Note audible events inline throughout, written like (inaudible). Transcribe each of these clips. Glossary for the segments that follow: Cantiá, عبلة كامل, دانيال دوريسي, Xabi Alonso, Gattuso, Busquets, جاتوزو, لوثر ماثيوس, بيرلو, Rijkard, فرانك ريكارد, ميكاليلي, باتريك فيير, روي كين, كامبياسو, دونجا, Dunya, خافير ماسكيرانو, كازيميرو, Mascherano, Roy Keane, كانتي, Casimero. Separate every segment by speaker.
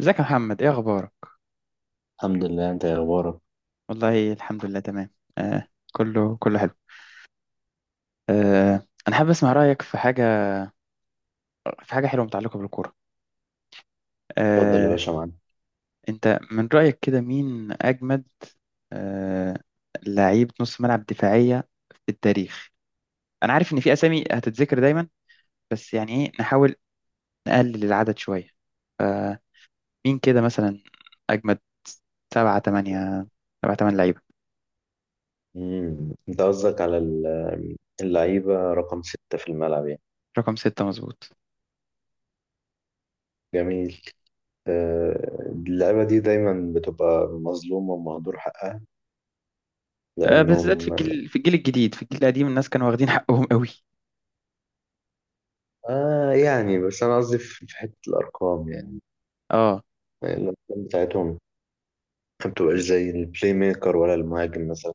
Speaker 1: ازيك يا محمد، ايه اخبارك؟
Speaker 2: الحمد لله، انت يا اخبارك؟
Speaker 1: والله الحمد لله تمام. آه، كله كله حلو. آه، انا حابب اسمع رايك في حاجه حلوه متعلقه بالكوره.
Speaker 2: اتفضل يا
Speaker 1: آه
Speaker 2: باشا معانا.
Speaker 1: انت من رايك كده مين اجمد؟ آه لعيب نص ملعب دفاعيه في التاريخ. انا عارف ان في اسامي هتتذكر دايما، بس يعني ايه، نحاول نقلل العدد شويه. فمين كده مثلا اجمد؟ سبعة تمانية سبعة تمن لعيبه.
Speaker 2: انت قصدك على اللعيبه رقم ستة في الملعب يعني.
Speaker 1: رقم ستة مظبوط.
Speaker 2: جميل. آه، اللعيبه دي دايما بتبقى مظلومه ومهدور حقها
Speaker 1: آه، بالذات في
Speaker 2: لانهم.
Speaker 1: الجيل، الجديد، في الجيل القديم الناس كانوا واخدين حقهم قوي.
Speaker 2: آه يعني بس انا قصدي في حته الارقام يعني.
Speaker 1: اه،
Speaker 2: الارقام بتاعتهم ما بتبقاش زي البلاي ميكر ولا المهاجم مثلا.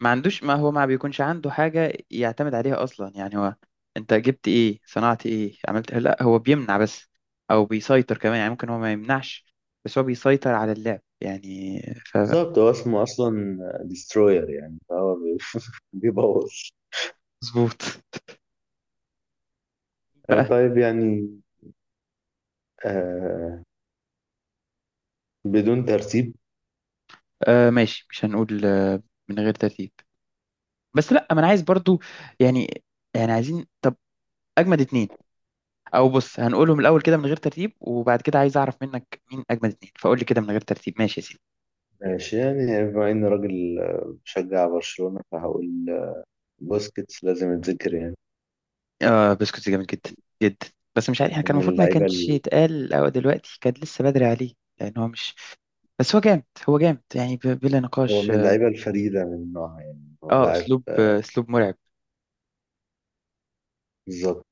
Speaker 1: ما هو ما بيكونش عنده حاجة يعتمد عليها أصلا، يعني هو أنت جبت إيه؟ صنعت إيه؟ عملت إيه؟ لا، هو بيمنع بس، أو بيسيطر كمان. يعني ممكن هو ما يمنعش، بس هو بيسيطر على اللعب يعني. ف
Speaker 2: بالظبط هو اسمه اصلا ديستروير يعني فهو (laughs) بيبوظ.
Speaker 1: مظبوط
Speaker 2: آه،
Speaker 1: بقى.
Speaker 2: طيب يعني. آه بدون ترتيب.
Speaker 1: آه ماشي، مش هنقول. آه، من غير ترتيب. بس لا، ما أنا عايز برضو، يعني، يعني عايزين، طب أجمد اتنين. او بص، هنقولهم الاول كده من غير ترتيب، وبعد كده عايز اعرف منك مين اجمد اتنين، فقول لي كده من غير ترتيب، ماشي يا سيدي.
Speaker 2: ماشي يعني بما إني راجل آه، بشجع برشلونة فهقول آه، بوسكيتس لازم يتذكر يعني.
Speaker 1: آه، بسكوت جامد جدا جدا. بس مش عارف، احنا كان
Speaker 2: من
Speaker 1: المفروض ما
Speaker 2: اللعيبة
Speaker 1: كانش يتقال، او دلوقتي كان لسه بدري عليه. لان هو مش، بس هو جامد، هو جامد يعني بلا
Speaker 2: هو
Speaker 1: نقاش.
Speaker 2: من
Speaker 1: اه،
Speaker 2: اللعيبة الفريدة من نوعها يعني هو
Speaker 1: آه،
Speaker 2: لاعب.
Speaker 1: اسلوب، آه، اسلوب مرعب،
Speaker 2: بالظبط.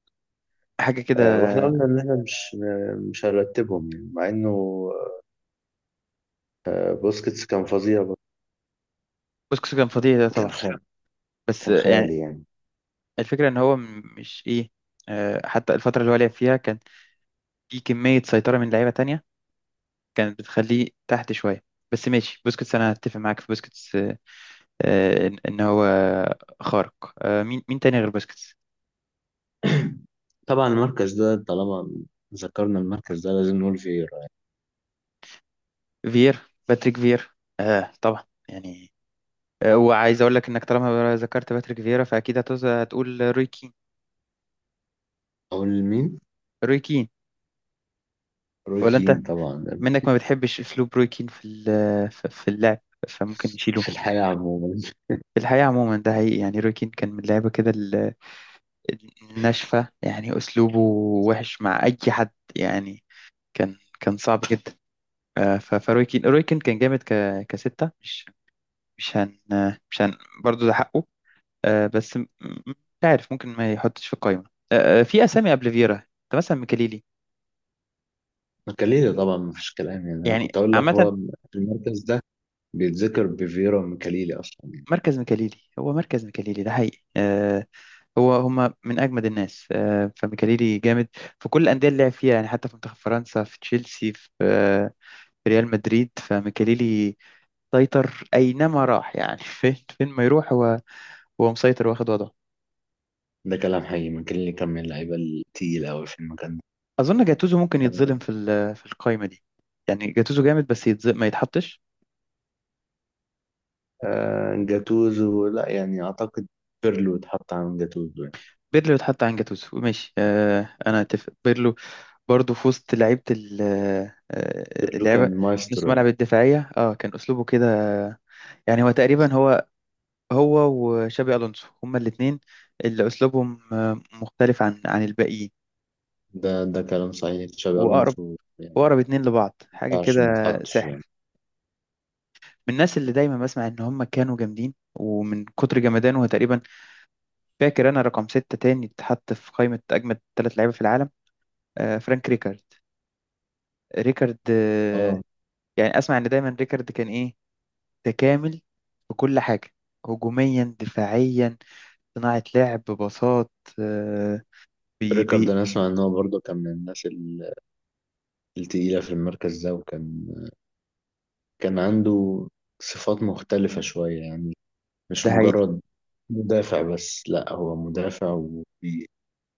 Speaker 1: حاجه كده.
Speaker 2: آه، واحنا قلنا ان احنا مش هنرتبهم يعني مع انه آه، بوسكيتس كان فظيع برضه.
Speaker 1: بسكوت كان فظيع ده
Speaker 2: كان
Speaker 1: طبعا،
Speaker 2: خيال،
Speaker 1: بس
Speaker 2: كان
Speaker 1: آه، يعني
Speaker 2: خيالي يعني.
Speaker 1: الفكره ان هو مش ايه. آه، حتى الفتره اللي هو لعب فيها كان في كميه سيطره من لعيبه تانية كانت بتخليه تحت شويه. بس ماشي، بوسكيتس انا هتفق معاك في بوسكيتس، آه، إن هو خارق. آه، مين تاني غير باسكتس؟
Speaker 2: (clears throat) طبعا المركز ده طالما ذكرنا المركز ده لازم نقول فييرا.
Speaker 1: فير باتريك فير، آه طبعا. يعني آه، وعايز اقول لك انك طالما ذكرت باتريك فيرا فاكيد هتقول روي كين.
Speaker 2: اقول مين؟
Speaker 1: روي كين،
Speaker 2: روي
Speaker 1: ولا انت،
Speaker 2: كين طبعا.
Speaker 1: منك ما بتحبش اسلوب روي كين في اللعب؟ فممكن نشيله.
Speaker 2: في الحياة عموما.
Speaker 1: في الحقيقة عموما، ده حقيقي، يعني روي كين كان من اللعيبة كده الناشفة، يعني أسلوبه وحش مع أي حد يعني، كان كان صعب جدا. آه، فروي كين كان جامد كستة. مش هن مش هن برضه ده حقه. آه بس مش عارف، ممكن ما يحطش في القائمة. آه، آه، في أسامي قبل فيرا أنت مثلا، ميكاليلي.
Speaker 2: مكاليلي طبعا مفيش كلام، يعني انا
Speaker 1: يعني
Speaker 2: كنت اقول لك
Speaker 1: عامة،
Speaker 2: هو في المركز ده بيتذكر بفيرا مكاليلي اصلا يعني.
Speaker 1: مركز ميكاليلي هو مركز ميكاليلي ده حقيقي. آه، هو هما من أجمد الناس. آه، فميكاليلي جامد في كل الأندية اللي لعب فيها يعني، حتى في منتخب فرنسا، في تشيلسي، في ريال مدريد. فميكاليلي سيطر أينما راح يعني. (laughs) فين ما يروح هو، هو مسيطر واخد وضعه.
Speaker 2: ده كلام حقيقي، مكاليلي كان من اللعيبه التقيله قوي في المكان ده.
Speaker 1: اظن جاتوزو ممكن يتظلم في القايمه دي. يعني جاتوزو جامد بس يتظلم، ما يتحطش.
Speaker 2: آه جاتوزو لا يعني اعتقد بيرلو اتحط عن جاتوزو يعني.
Speaker 1: بيرلو يتحط عن جاتوزو، ماشي، آه، انا اتفق. بيرلو برضه في وسط لعيبه آه،
Speaker 2: بيرلو
Speaker 1: اللعبه،
Speaker 2: كان
Speaker 1: نص
Speaker 2: مايسترو يعني.
Speaker 1: ملعب الدفاعيه، اه، كان اسلوبه كده. يعني هو تقريبا هو هو وشابي الونسو هما الاثنين اللي اسلوبهم آه، مختلف عن الباقيين.
Speaker 2: ده كلام صحيح، تشابي
Speaker 1: واقرب
Speaker 2: الونسو يعني ما
Speaker 1: واقرب اتنين لبعض، حاجه
Speaker 2: ينفعش
Speaker 1: كده.
Speaker 2: ما يتحطش يعني.
Speaker 1: سحر. من الناس اللي دايما بسمع ان هم كانوا جامدين، ومن كتر جمدانه هو تقريبا فاكر انا رقم ستة تاني اتحط في قائمة اجمد ثلاث لعيبة في العالم، آه، فرانك ريكارد. ريكارد، آه.
Speaker 2: اه
Speaker 1: يعني اسمع ان دايما ريكارد كان ايه؟ تكامل في كل حاجة، هجوميا دفاعيا، صناعة لعب، باصات، آه، بي
Speaker 2: ريكارد،
Speaker 1: بي
Speaker 2: انا اسمع ان هو برضه كان من الناس التقيله في المركز ده، وكان كان عنده صفات مختلفة شوية يعني، مش
Speaker 1: ده حقيقي.
Speaker 2: مجرد مدافع بس، لا هو مدافع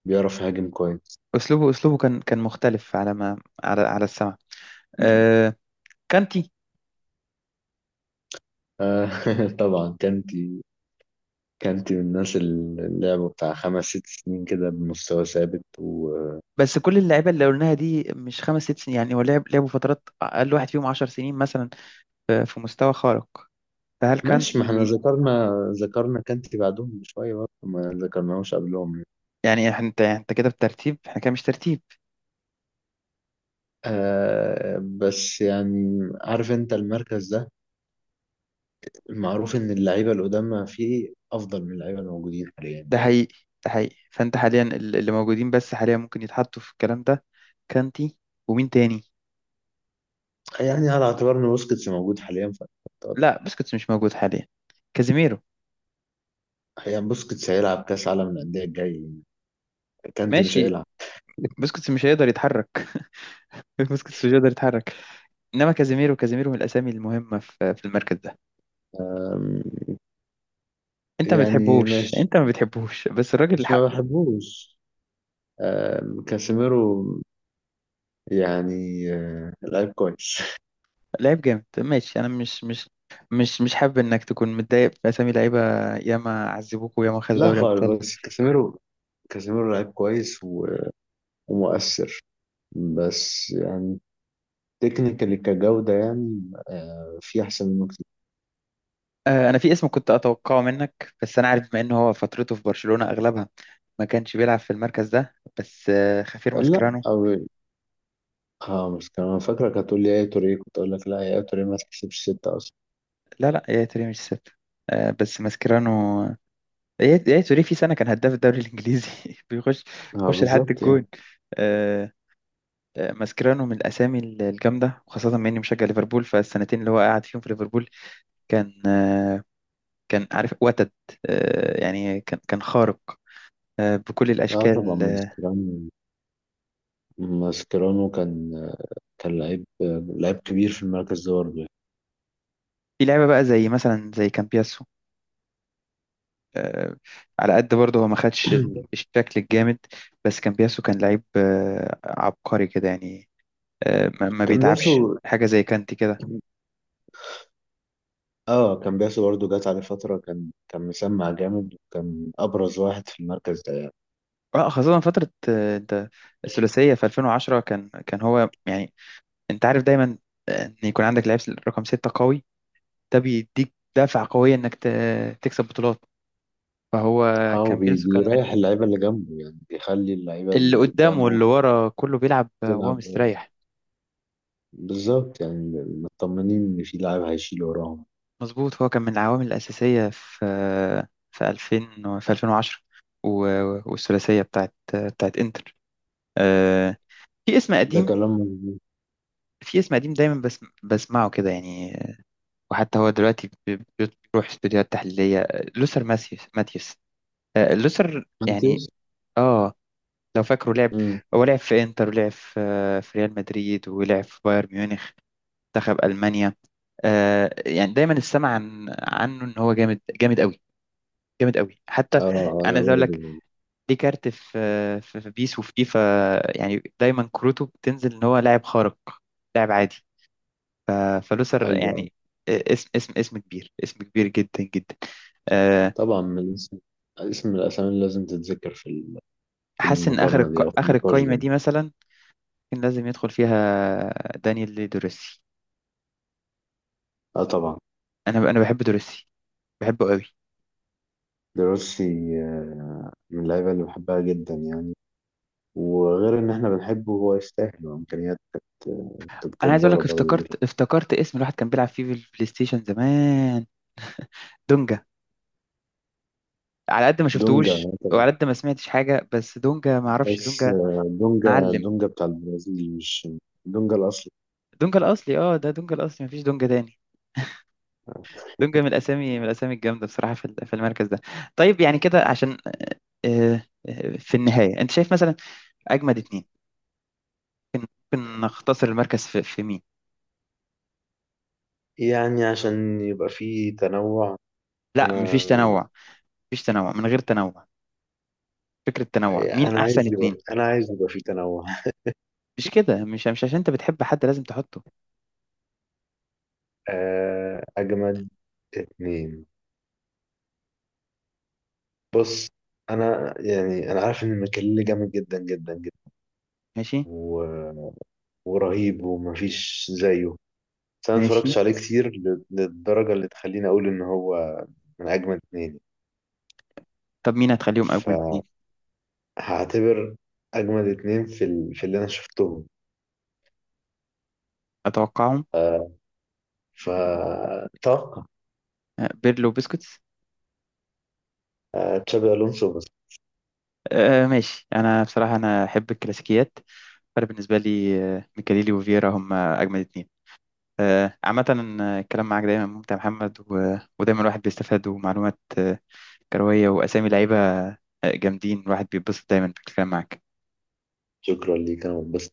Speaker 2: وبيعرف يهاجم كويس.
Speaker 1: اسلوبه، اسلوبه كان كان مختلف، على ما على السمع. آه، كانتي.
Speaker 2: آه، (laughs) طبعا كانتي. كانتي من الناس اللي لعبوا بتاع خمس ست سنين كده بمستوى ثابت وماشي.
Speaker 1: بس كل اللعيبه اللي قلناها دي مش خمس ست سنين يعني، هو لعب، لعبوا فترات، اقل واحد فيهم 10 سنين مثلا، في مستوى خارق. فهل
Speaker 2: ما احنا
Speaker 1: كانتي؟
Speaker 2: ذكرنا كانتي بعدهم بشوية برضه، ما ذكرناهوش قبلهم يعني.
Speaker 1: يعني انت انت كده بالترتيب، احنا كده مش ترتيب.
Speaker 2: آه بس يعني عارف انت المركز ده المعروف ان اللعيبة القدامى فيه افضل من اللعيبة الموجودين حاليا.
Speaker 1: ده حقيقي، ده حقيقي، فانت حاليا اللي موجودين بس حاليا ممكن يتحطوا في الكلام ده، كانتي، ومين تاني؟
Speaker 2: يعني على اعتبار ان بوسكيتس موجود حاليا.
Speaker 1: لا، بسكوتس مش موجود حاليا. كازيميرو.
Speaker 2: هي بوسكيتس هيلعب كاس عالم الانديه الجاي، كانتي مش
Speaker 1: ماشي.
Speaker 2: هيلعب.
Speaker 1: بسكوتس مش هيقدر يتحرك. (laughs) بسكوتس مش هيقدر يتحرك. انما كازيميرو، كازيميرو من الاسامي المهمه في المركز ده.
Speaker 2: أم،
Speaker 1: انت ما
Speaker 2: يعني
Speaker 1: بتحبوش،
Speaker 2: ماشي،
Speaker 1: انت ما بتحبوش، بس الراجل
Speaker 2: بس
Speaker 1: حق.
Speaker 2: ما بحبوش. كاسيميرو يعني آه، لعيب كويس. (laughs)
Speaker 1: لعيب جامد، ماشي. انا مش حابب انك تكون متضايق باسامي لعيبه ياما عذبوك وياما خدوا
Speaker 2: لا
Speaker 1: دوري
Speaker 2: خالص،
Speaker 1: ابطال.
Speaker 2: بس كاسيميرو. كاسيميرو لعيب كويس ومؤثر، بس يعني تكنيكالي كجودة يعني آه، في أحسن منه كتير.
Speaker 1: آه، انا في اسم كنت اتوقعه منك، بس انا عارف بما انه هو فترته في برشلونة اغلبها ما كانش بيلعب في المركز ده، بس آه، خافير
Speaker 2: لا
Speaker 1: ماسكيرانو.
Speaker 2: أو اه بس كمان فاكرة، كانت تقول لي يا توريه كنت أقول لك لا يا توريه ما تحسبش ستة أصلا.
Speaker 1: لا، لا يا توري مش سبت. آه، بس ماسكيرانو، يا توري في سنة كان هداف الدوري الانجليزي. (laughs) بيخش
Speaker 2: اه
Speaker 1: بيخش لحد
Speaker 2: بالظبط
Speaker 1: الجون.
Speaker 2: يعني.
Speaker 1: آه، آه، ماسكيرانو من الاسامي الجامدة، وخاصة بما اني مشجع ليفربول، فالسنتين اللي هو قعد فيهم في ليفربول كان، آه، كان عارف وتد. آه، يعني كان كان خارق، آه، بكل
Speaker 2: اه طبعا
Speaker 1: الاشكال،
Speaker 2: من
Speaker 1: آه.
Speaker 2: سكرام. ماسكيرانو كان لعيب كبير في المركز ده برضه يعني.
Speaker 1: في لعيبة بقى زي مثلا زي كامبياس، آه، على قد برضه هو ما خدش
Speaker 2: (clears throat)
Speaker 1: الشكل الجامد، بس كامبياسو كان لعيب، آه، عبقري كده يعني. آه، ما
Speaker 2: كان
Speaker 1: بيتعبش
Speaker 2: بياسو.
Speaker 1: حاجة، زي كانتي كده.
Speaker 2: اه كان بياسو برضه جات عليه فترة كان مسمع جامد، وكان أبرز واحد في المركز ده يعني.
Speaker 1: اه، خاصة فترة آه، انت الثلاثية في 2010 كان كان هو يعني. انت عارف دايما، آه، ان يكون عندك لعيب رقم ستة قوي، ده بيديك دافع قوية انك تكسب بطولات. فهو
Speaker 2: اه
Speaker 1: كامبياسو كان من
Speaker 2: بيريح اللعيبة اللي جنبه يعني، بيخلي اللعيبة
Speaker 1: اللي
Speaker 2: اللي
Speaker 1: قدام
Speaker 2: قدامه
Speaker 1: واللي ورا كله بيلعب، آه، وهو
Speaker 2: تلعب.
Speaker 1: مستريح.
Speaker 2: بالظبط يعني، مطمنين إن في لاعب هيشيل وراهم.
Speaker 1: مظبوط، هو كان من العوامل الأساسية في 2000 و- في 2010 والثلاثية بتاعت بتاعت إنتر. آه، في اسم
Speaker 2: ده
Speaker 1: قديم،
Speaker 2: كلام مظبوط.
Speaker 1: في اسم قديم دايما بس بسمعه كده يعني، وحتى هو دلوقتي بيروح استوديوهات تحليلية، آه، لوثر ماثيوس. ماثيوس. آه، لوثر يعني.
Speaker 2: مانتيوس.
Speaker 1: اه، لو فاكره، لعب،
Speaker 2: امم
Speaker 1: هو لعب في إنتر، ولعب في آه، في ريال مدريد، ولعب في بايرن ميونخ، منتخب ألمانيا، آه. يعني دايما السمع عنه إن هو جامد جامد جامد قوي حتى.
Speaker 2: اه آه،
Speaker 1: انا
Speaker 2: انا
Speaker 1: عايز اقول
Speaker 2: برضه
Speaker 1: لك،
Speaker 2: يعني.
Speaker 1: دي كارت في في بيس وفي فيفا يعني، دايما كروته بتنزل ان هو لاعب خارق، لاعب عادي. ف- فلوسر
Speaker 2: ايوه، ايوه.
Speaker 1: يعني، اسم كبير، اسم كبير جدا جدا، آه.
Speaker 2: طبعا من الاسم، اسم الاسامي اللي لازم تتذكر في في
Speaker 1: حاسس ان اخر
Speaker 2: المقارنة دي او في
Speaker 1: اخر
Speaker 2: النقاش
Speaker 1: القايمه
Speaker 2: ده.
Speaker 1: دي مثلا كان لازم يدخل فيها دانيال دوريسي.
Speaker 2: اه طبعا.
Speaker 1: انا بحب دوريسي، بحبه قوي.
Speaker 2: دروسي آه، من اللعيبه اللي بحبها جدا يعني، وغير ان احنا بنحبه هو يستاهل وامكانيات كانت آه، كانت
Speaker 1: انا عايز اقول
Speaker 2: جباره
Speaker 1: لك،
Speaker 2: برضه دي.
Speaker 1: افتكرت اسم الواحد كان بيلعب فيه في البلاي ستيشن زمان، دونجا. على قد ما
Speaker 2: دونجا
Speaker 1: شفتهوش
Speaker 2: طبعا،
Speaker 1: وعلى قد ما سمعتش حاجه، بس دونجا، ما اعرفش
Speaker 2: بس
Speaker 1: دونجا.
Speaker 2: آه، دونجا
Speaker 1: معلم.
Speaker 2: دونجا بتاع البرازيل مش دونجا الاصلي.
Speaker 1: دونجا الاصلي، اه، ده دونجا الاصلي مفيش دونجا تاني. دونجا من الاسامي، من الاسامي الجامده بصراحه في المركز ده. طيب، يعني كده عشان آه، آه، في النهايه انت شايف مثلا اجمد اتنين، ممكن نختصر المركز في مين؟
Speaker 2: يعني عشان يبقى فيه تنوع.
Speaker 1: لا،
Speaker 2: انا
Speaker 1: مفيش تنوع، مفيش تنوع، من غير تنوع. فكره تنوع مين احسن اتنين؟
Speaker 2: انا عايز يبقى فيه تنوع.
Speaker 1: مش كده، مش عشان انت بتحب حد لازم تحطه.
Speaker 2: آه، اجمد اتنين. بص انا يعني انا عارف ان ميكيليلي جامد جدا جدا
Speaker 1: ماشي
Speaker 2: جدا ورهيب ومفيش زيه، بس انا
Speaker 1: ماشي.
Speaker 2: متفرجتش عليه كتير للدرجة اللي تخليني اقول ان هو من اجمد اتنين.
Speaker 1: طب مين هتخليهم اجمد اتنين؟
Speaker 2: فهعتبر اجمد اتنين في اللي انا شفتهم.
Speaker 1: اتوقعهم.
Speaker 2: فتوقع
Speaker 1: آه، بيرلو وبسكوتس.
Speaker 2: تشابي الونسو بس.
Speaker 1: آه ماشي، انا بصراحه انا احب الكلاسيكيات، فانا بالنسبه لي، آه، ميكاليلي وفييرا هم اجمل اتنين، آه، عامه. آه، الكلام معاك دايما ممتع يا محمد، ودايما الواحد بيستفاد، ومعلومات آه، كرويه، واسامي لعيبه، آه، جامدين. الواحد بيتبسط دايما بالكلام معاك.
Speaker 2: شكرا ليه كان بس.